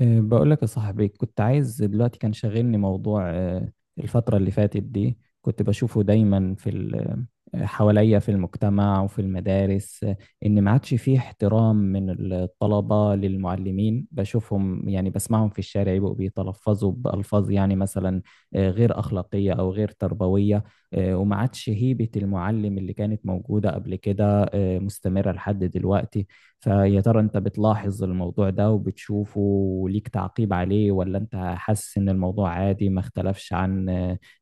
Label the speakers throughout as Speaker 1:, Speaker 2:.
Speaker 1: بقول لك يا صاحبي، كنت عايز دلوقتي، كان شاغلني موضوع. الفترة اللي فاتت دي كنت بشوفه دايما في ال- أه، حواليا، في المجتمع وفي المدارس. إن ما عادش فيه احترام من الطلبة للمعلمين، بشوفهم يعني بسمعهم في الشارع يبقوا بيتلفظوا بألفاظ يعني مثلا غير أخلاقية أو غير تربوية. وما عادش هيبة المعلم اللي كانت موجودة قبل كده مستمرة لحد دلوقتي. فيا ترى انت بتلاحظ الموضوع ده وبتشوفه وليك تعقيب عليه، ولا انت حاسس ان الموضوع عادي ما اختلفش عن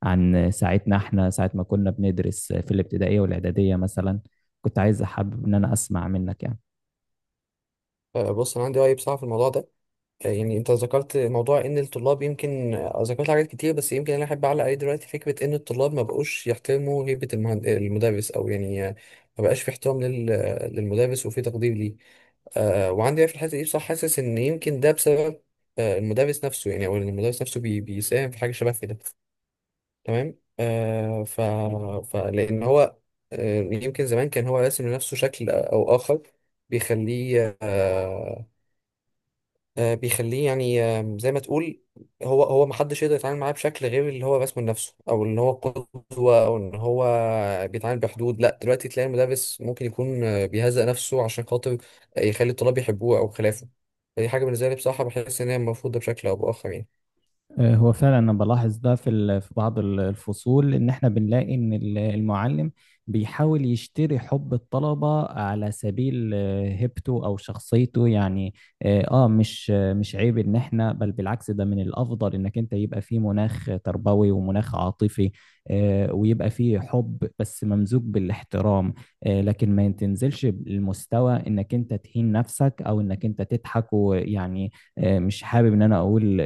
Speaker 1: عن ساعتنا احنا، ساعة ما كنا بندرس في الابتدائية والاعدادية مثلا؟ كنت عايز احابب ان انا اسمع منك يعني.
Speaker 2: بص انا عندي راي بصراحه في الموضوع ده. يعني انت ذكرت موضوع ان الطلاب يمكن، ذكرت حاجات كتير، بس يمكن انا احب اعلق عليه دلوقتي. فكره ان الطلاب ما بقوش يحترموا هيبه المدرس، او يعني ما بقاش في احترام للمدرس وفي تقدير ليه. وعندي راي في الحته دي بصراحه، حاسس ان يمكن ده بسبب المدرس نفسه، يعني او إن المدرس نفسه بيساهم في حاجه شبه كده. تمام. فلان هو يمكن زمان كان هو راسم لنفسه شكل او اخر بيخليه، بيخليه يعني زي ما تقول هو ما حدش يقدر يتعامل معاه بشكل غير اللي هو رسمه لنفسه، او اللي هو قدوه، او ان هو بيتعامل بحدود. لا دلوقتي تلاقي المدرس ممكن يكون بيهزأ نفسه عشان خاطر يخلي الطلاب يحبوه او خلافه. فدي حاجه بالنسبه لي بصراحه، بحس ان هي المفروض ده بشكل او باخر يعني.
Speaker 1: هو فعلا انا بلاحظ ده في في بعض الفصول، ان احنا بنلاقي ان المعلم بيحاول يشتري حب الطلبة على سبيل هيبته او شخصيته يعني. مش عيب ان احنا بالعكس، ده من الافضل انك انت يبقى فيه مناخ تربوي ومناخ عاطفي، ويبقى فيه حب بس ممزوج بالاحترام. لكن ما تنزلش للمستوى انك انت تهين نفسك او انك انت تضحك ويعني مش حابب ان انا اقول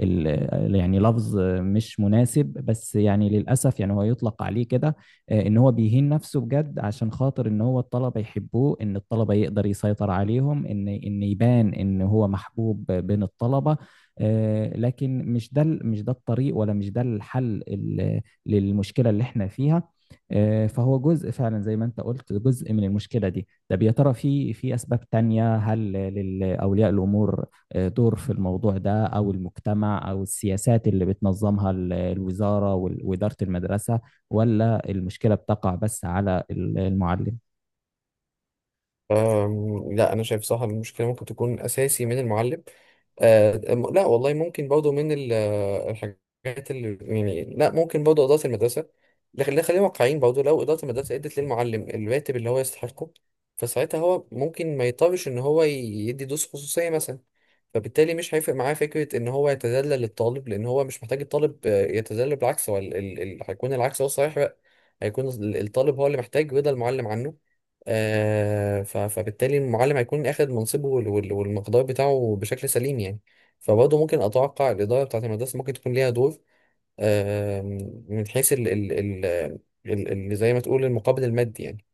Speaker 1: يعني لفظ مش مناسب، بس يعني للأسف يعني هو يطلق عليه كده. إن هو بيهين نفسه بجد عشان خاطر إن هو الطلبة يحبوه، إن الطلبة يقدر يسيطر عليهم، إن يبان إن هو محبوب بين الطلبة. لكن مش ده الطريق، ولا مش ده الحل للمشكلة اللي إحنا فيها. فهو جزء فعلا زي ما انت قلت، جزء من المشكلة دي. طب يا ترى، في أسباب تانية؟ هل لأولياء الأمور دور في الموضوع ده، او المجتمع، او السياسات اللي بتنظمها الوزارة وإدارة المدرسة؟ ولا المشكلة بتقع بس على المعلم؟
Speaker 2: لا انا شايف صح، المشكله ممكن تكون اساسي من المعلم. لا والله ممكن برضه من الحاجات اللي يعني، لا ممكن برضه اداره المدرسه. لكن لا، خلينا واقعيين برضه، لو اداره المدرسه ادت للمعلم الراتب اللي هو يستحقه فساعتها هو ممكن ما يضطرش ان هو يدي دروس خصوصيه مثلا. فبالتالي مش هيفرق معاه فكرة ان هو يتذلل للطالب، لان هو مش محتاج الطالب يتذلل، بالعكس هو هيكون العكس هو الصحيح بقى. هيكون الطالب هو اللي محتاج رضا المعلم عنه. فبالتالي المعلم هيكون اخد منصبه والمقدار بتاعه بشكل سليم يعني. فبرضه ممكن اتوقع الاداره بتاعت المدرسه ممكن تكون ليها دور، آه، من حيث زي ما تقول المقابل المادي يعني.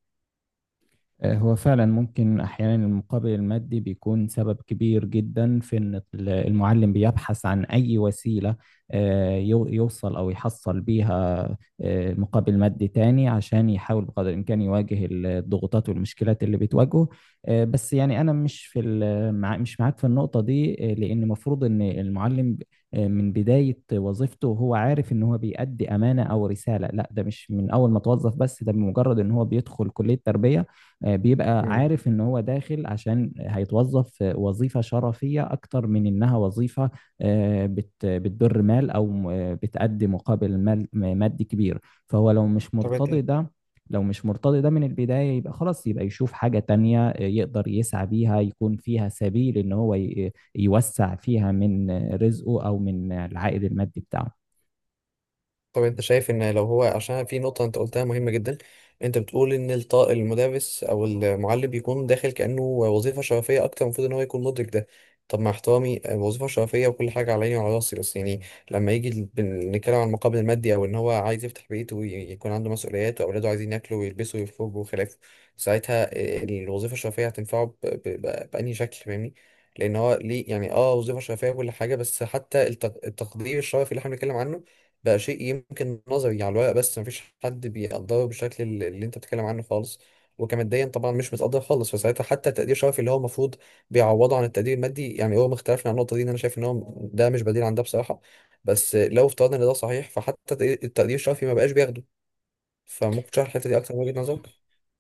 Speaker 1: هو فعلا ممكن أحيانا المقابل المادي بيكون سبب كبير جدا في إن المعلم بيبحث عن أي وسيلة يوصل أو يحصل بيها مقابل مادي تاني، عشان يحاول بقدر الإمكان يواجه الضغوطات والمشكلات اللي بتواجهه. بس يعني أنا مش معاك في النقطة دي. لأن المفروض إن المعلم من بداية وظيفته هو عارف إن هو بيأدي أمانة أو رسالة. لا ده مش من أول ما توظف، بس ده بمجرد إن هو بيدخل كلية تربية. بيبقى
Speaker 2: مم.
Speaker 1: عارف ان هو داخل عشان هيتوظف في وظيفة شرفية، اكتر من انها وظيفة بتدر مال، او بتأدي مقابل مادي كبير. فهو
Speaker 2: طب انت
Speaker 1: لو مش مرتضي ده من البداية، يبقى خلاص يبقى يشوف حاجة تانية يقدر يسعى بيها، يكون فيها سبيل ان هو يوسع فيها من رزقه او من العائد المادي بتاعه.
Speaker 2: طب انت شايف ان لو هو، عشان في نقطة انت قلتها مهمة جدا، انت بتقول ان المدرس او المعلم بيكون داخل كأنه وظيفة شرفية اكتر، المفروض ان هو يكون مدرك ده. طب مع احترامي وظيفة شرفية وكل حاجة على عيني وعلى راسي، بس يعني لما يجي نتكلم عن المقابل المادي، او ان هو عايز يفتح بيت ويكون عنده مسؤوليات واولاده عايزين ياكلوا ويلبسوا ويخرجوا وخلافه. ساعتها الوظيفة الشرفية هتنفعه بأنهي شكل فاهمني؟ لان هو ليه يعني اه وظيفة شرفية وكل حاجة، بس حتى التقدير الشرفي اللي احنا بنتكلم عنه بقى شيء يمكن نظري على الورق، بس مفيش حد بيقدره بالشكل اللي انت بتتكلم عنه خالص. وكماديا طبعا مش متقدر خالص، فساعتها حتى التقدير الشرفي اللي هو المفروض بيعوضه عن التقدير المادي، يعني هو ما اختلفنا عن النقطه دي، ان انا شايف ان هو ده مش بديل عن ده بصراحه. بس لو افترضنا ان ده صحيح، فحتى التقدير الشرفي ما بقاش بياخده. فممكن تشرح الحته دي اكتر من وجهه نظرك؟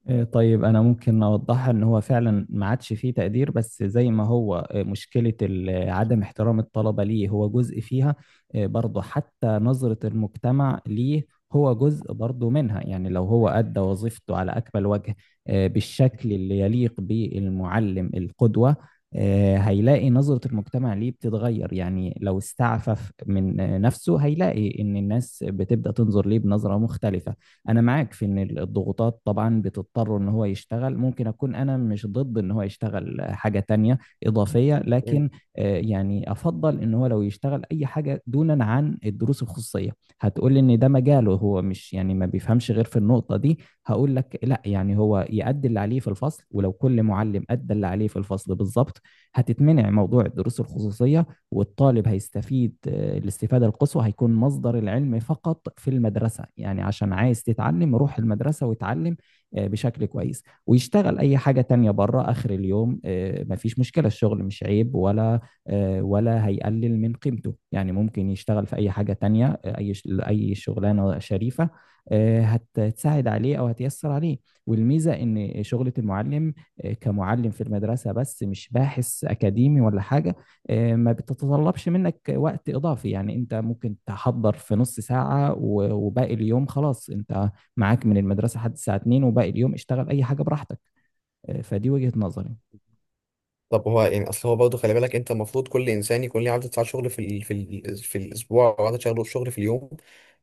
Speaker 1: إيه، طيب أنا ممكن أوضحها. إن هو فعلا ما عادش فيه تقدير، بس زي ما هو مشكلة عدم احترام الطلبة ليه، هو جزء فيها. برضه حتى نظرة المجتمع ليه، هو جزء برضه منها. يعني لو هو أدى وظيفته على أكمل وجه، بالشكل اللي يليق بالمعلم القدوة، هيلاقي نظرة المجتمع ليه بتتغير. يعني لو استعفف من نفسه، هيلاقي إن الناس بتبدأ تنظر ليه بنظرة مختلفة. انا معاك في ان الضغوطات طبعا بتضطره ان هو يشتغل. ممكن اكون انا مش ضد ان هو يشتغل حاجة تانية اضافية، لكن يعني افضل ان هو لو يشتغل اي حاجة دونا عن الدروس الخصوصية. هتقول ان ده مجاله، هو مش يعني ما بيفهمش غير في النقطة دي. هقول لك لا، يعني هو يأدي اللي عليه في الفصل، ولو كل معلم أدى اللي عليه في الفصل بالظبط، هتتمنع موضوع الدروس الخصوصية. والطالب هيستفيد الاستفادة القصوى، هيكون مصدر العلم فقط في المدرسة. يعني عشان عايز تتعلم، روح المدرسة وتعلم بشكل كويس، ويشتغل أي حاجة تانية بره آخر اليوم. مفيش مشكلة، الشغل مش عيب ولا ولا هيقلل من قيمته. يعني ممكن يشتغل في أي حاجة تانية، أي شغلانة شريفة هتساعد عليه أو هتيسر عليه. والميزة إن شغلة المعلم كمعلم في المدرسة، بس مش باحث أكاديمي ولا حاجة، ما بتتطلبش منك وقت إضافي. يعني أنت ممكن تحضر في نص ساعة وباقي اليوم خلاص. أنت معاك من المدرسة لحد الساعة 2، وباقي اليوم اشتغل أي حاجة براحتك. فدي وجهة نظري.
Speaker 2: طب هو يعني اصل هو برضه خلي بالك انت، المفروض كل انسان يكون ليه عدد ساعات شغل في الاسبوع، او عدد شغله شغل في اليوم.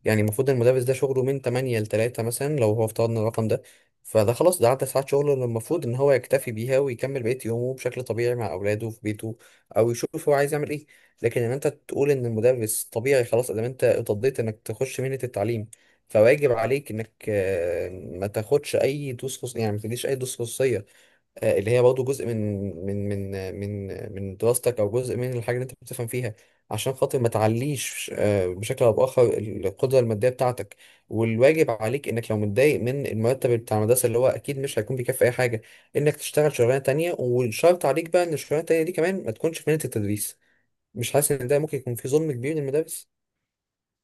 Speaker 2: يعني المفروض المدرس ده شغله من 8 ل 3 مثلا، لو هو افترضنا الرقم ده، فده خلاص ده عدد ساعات شغله اللي المفروض ان هو يكتفي بيها ويكمل بقية يومه بشكل طبيعي مع اولاده في بيته، او يشوف هو عايز يعمل ايه. لكن ان انت تقول ان المدرس طبيعي خلاص ادام انت اتضيت انك تخش مهنة التعليم، فواجب عليك انك ما تاخدش اي دروس خصوصية، يعني ما تديش اي دروس خصوصية اللي هي برضه جزء من دراستك، او جزء من الحاجه اللي انت بتفهم فيها، عشان خاطر ما تعليش بشكل او باخر القدره الماديه بتاعتك. والواجب عليك انك لو متضايق من المرتب بتاع المدرسه اللي هو اكيد مش هيكون بيكفي اي حاجه، انك تشتغل شغلانه تانية، والشرط عليك بقى ان الشغلانه التانية دي كمان ما تكونش في مهنه التدريس. مش حاسس ان ده ممكن يكون في ظلم كبير للمدارس؟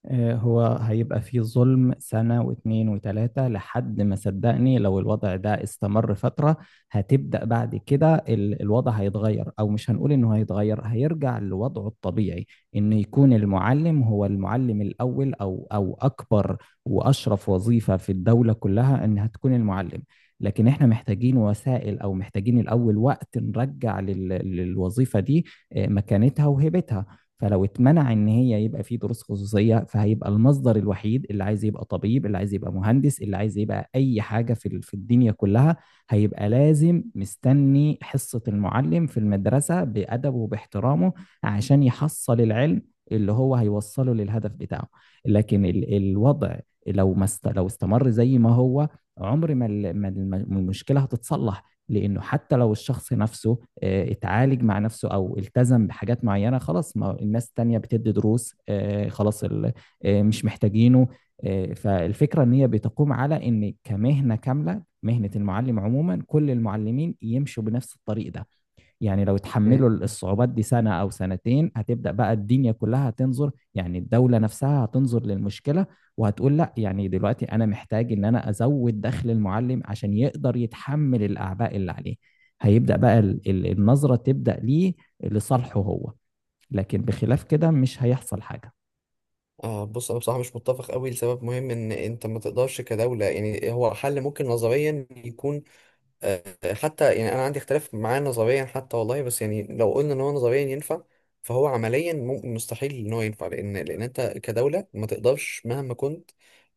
Speaker 1: هو هيبقى فيه ظلم سنة واتنين وتلاتة، لحد ما، صدقني، لو الوضع ده استمر فترة، هتبدأ بعد كده الوضع هيتغير، أو مش هنقول إنه هيتغير، هيرجع لوضعه الطبيعي. إن يكون المعلم هو المعلم الأول، أو أكبر وأشرف وظيفة في الدولة كلها، إنها تكون المعلم. لكن إحنا محتاجين وسائل، أو محتاجين الأول وقت، نرجع للوظيفة دي مكانتها وهيبتها. فلو اتمنع ان هي يبقى في دروس خصوصيه، فهيبقى المصدر الوحيد. اللي عايز يبقى طبيب، اللي عايز يبقى مهندس، اللي عايز يبقى اي حاجه في الدنيا كلها، هيبقى لازم مستني حصه المعلم في المدرسه، بادبه وباحترامه، عشان يحصل العلم اللي هو هيوصله للهدف بتاعه. لكن الوضع لو استمر زي ما هو، عمر ما المشكله هتتصلح. لانه حتى لو الشخص نفسه اتعالج مع نفسه او التزم بحاجات معينه، خلاص، ما الناس التانية بتدي دروس. آه، خلاص ال- آه، مش محتاجينه. فالفكره ان هي بتقوم على ان كمهنه كامله، مهنه المعلم عموما، كل المعلمين يمشوا بنفس الطريق ده. يعني لو
Speaker 2: مم.
Speaker 1: تحملوا الصعوبات دي سنة أو سنتين، هتبدأ بقى الدنيا كلها هتنظر، يعني الدولة نفسها هتنظر للمشكلة، وهتقول لا، يعني دلوقتي أنا محتاج إن أنا أزود دخل المعلم عشان يقدر يتحمل الأعباء اللي عليه. هيبدأ بقى النظرة تبدأ ليه، لصالحه هو. لكن بخلاف كده مش هيحصل حاجة.
Speaker 2: آه بص انا بصراحه مش متفق قوي، لسبب مهم ان انت ما تقدرش كدوله. يعني هو حل ممكن نظريا يكون، حتى يعني انا عندي اختلاف معاه نظريا حتى والله، بس يعني لو قلنا ان هو نظريا ينفع، فهو عمليا ممكن مستحيل ان هو ينفع، لان انت كدوله ما تقدرش مهما كنت.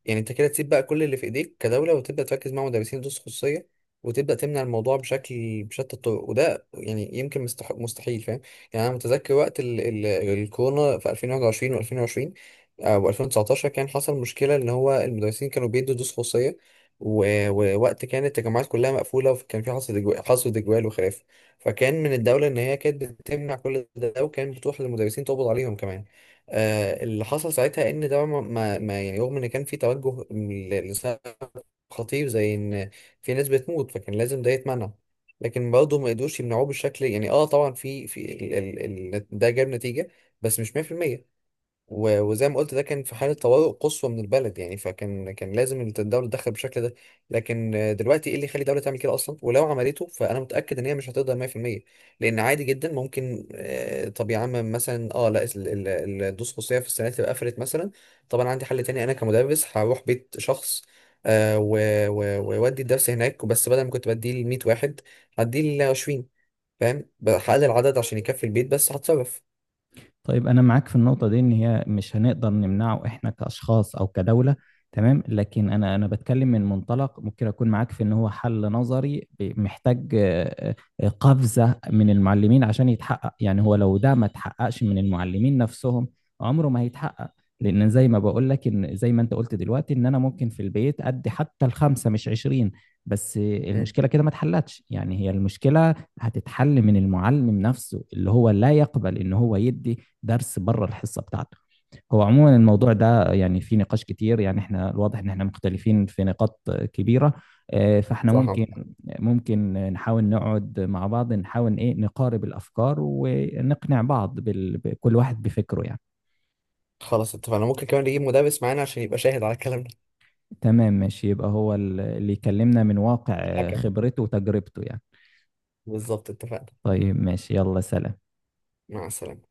Speaker 2: يعني انت كده تسيب بقى كل اللي في ايديك كدوله وتبدا تركز مع مدرسين دروس خصوصيه وتبدا تمنع الموضوع بشكل بشتى الطرق؟ وده يعني يمكن مستحيل، فاهم؟ يعني انا متذكر وقت ال ال الكورونا في 2021 و2020 و2019، كان حصل مشكله ان هو المدرسين كانوا بيدوا دروس خصوصيه، ووقت كانت التجمعات كلها مقفولة، وكان في حصر إجوال وخلاف، فكان من الدولة إن هي كانت بتمنع كل ده، وكان بتروح للمدرسين تقبض عليهم كمان. آه اللي حصل ساعتها إن ده يعني رغم إن كان في توجه لسبب خطير، زي إن في ناس بتموت، فكان لازم ده يتمنع. لكن برضه ما قدروش يمنعوه بالشكل، يعني اه طبعا في في ال ال ال ده جاب نتيجة بس مش 100%. وزي ما قلت ده كان في حالة طوارئ قصوى من البلد يعني، فكان لازم الدولة تتدخل بالشكل ده. لكن دلوقتي ايه اللي يخلي الدولة تعمل كده اصلا؟ ولو عملته فانا متأكد ان هي مش هتقدر 100%، لان عادي جدا ممكن طب يا عم مثلا اه لا الدروس الخصوصية في السنة تبقى قفلت مثلا، طب انا عندي حل تاني، انا كمدرس هروح بيت شخص آه، و- وأودي الدرس هناك، بس بدل ما كنت بديه ل 100 واحد هديه ل 20. فاهم؟ هقلل العدد عشان يكفي البيت بس هتصرف.
Speaker 1: طيب أنا معاك في النقطة دي، إن هي مش هنقدر نمنعه إحنا كأشخاص أو كدولة. تمام، لكن أنا بتكلم من منطلق، ممكن أكون معاك في إن هو حل نظري، محتاج قفزة من المعلمين عشان يتحقق. يعني هو لو ده ما اتحققش من المعلمين نفسهم، عمره ما هيتحقق. لأن زي ما بقول لك، إن زي ما أنت قلت دلوقتي، إن أنا ممكن في البيت أدي حتى الخمسة مش 20. بس
Speaker 2: مم.
Speaker 1: المشكلة كده ما اتحلتش. يعني هي المشكلة هتتحل من المعلم نفسه، اللي هو لا يقبل ان هو يدي درس بره الحصه بتاعته. هو عموما الموضوع ده يعني في نقاش كتير، يعني احنا الواضح ان احنا مختلفين في نقاط كبيره. فاحنا
Speaker 2: صح.
Speaker 1: ممكن نحاول نقعد مع بعض، نحاول ايه نقارب الافكار ونقنع بعض بكل واحد بفكره يعني.
Speaker 2: خلاص اتفقنا، ممكن كمان نجيب مدرس معانا عشان يبقى شاهد على الكلام ده.
Speaker 1: تمام ماشي، يبقى هو اللي يكلمنا من واقع
Speaker 2: الحكم
Speaker 1: خبرته وتجربته يعني.
Speaker 2: بالظبط، اتفقنا.
Speaker 1: طيب ماشي، يلا سلام.
Speaker 2: مع السلامة.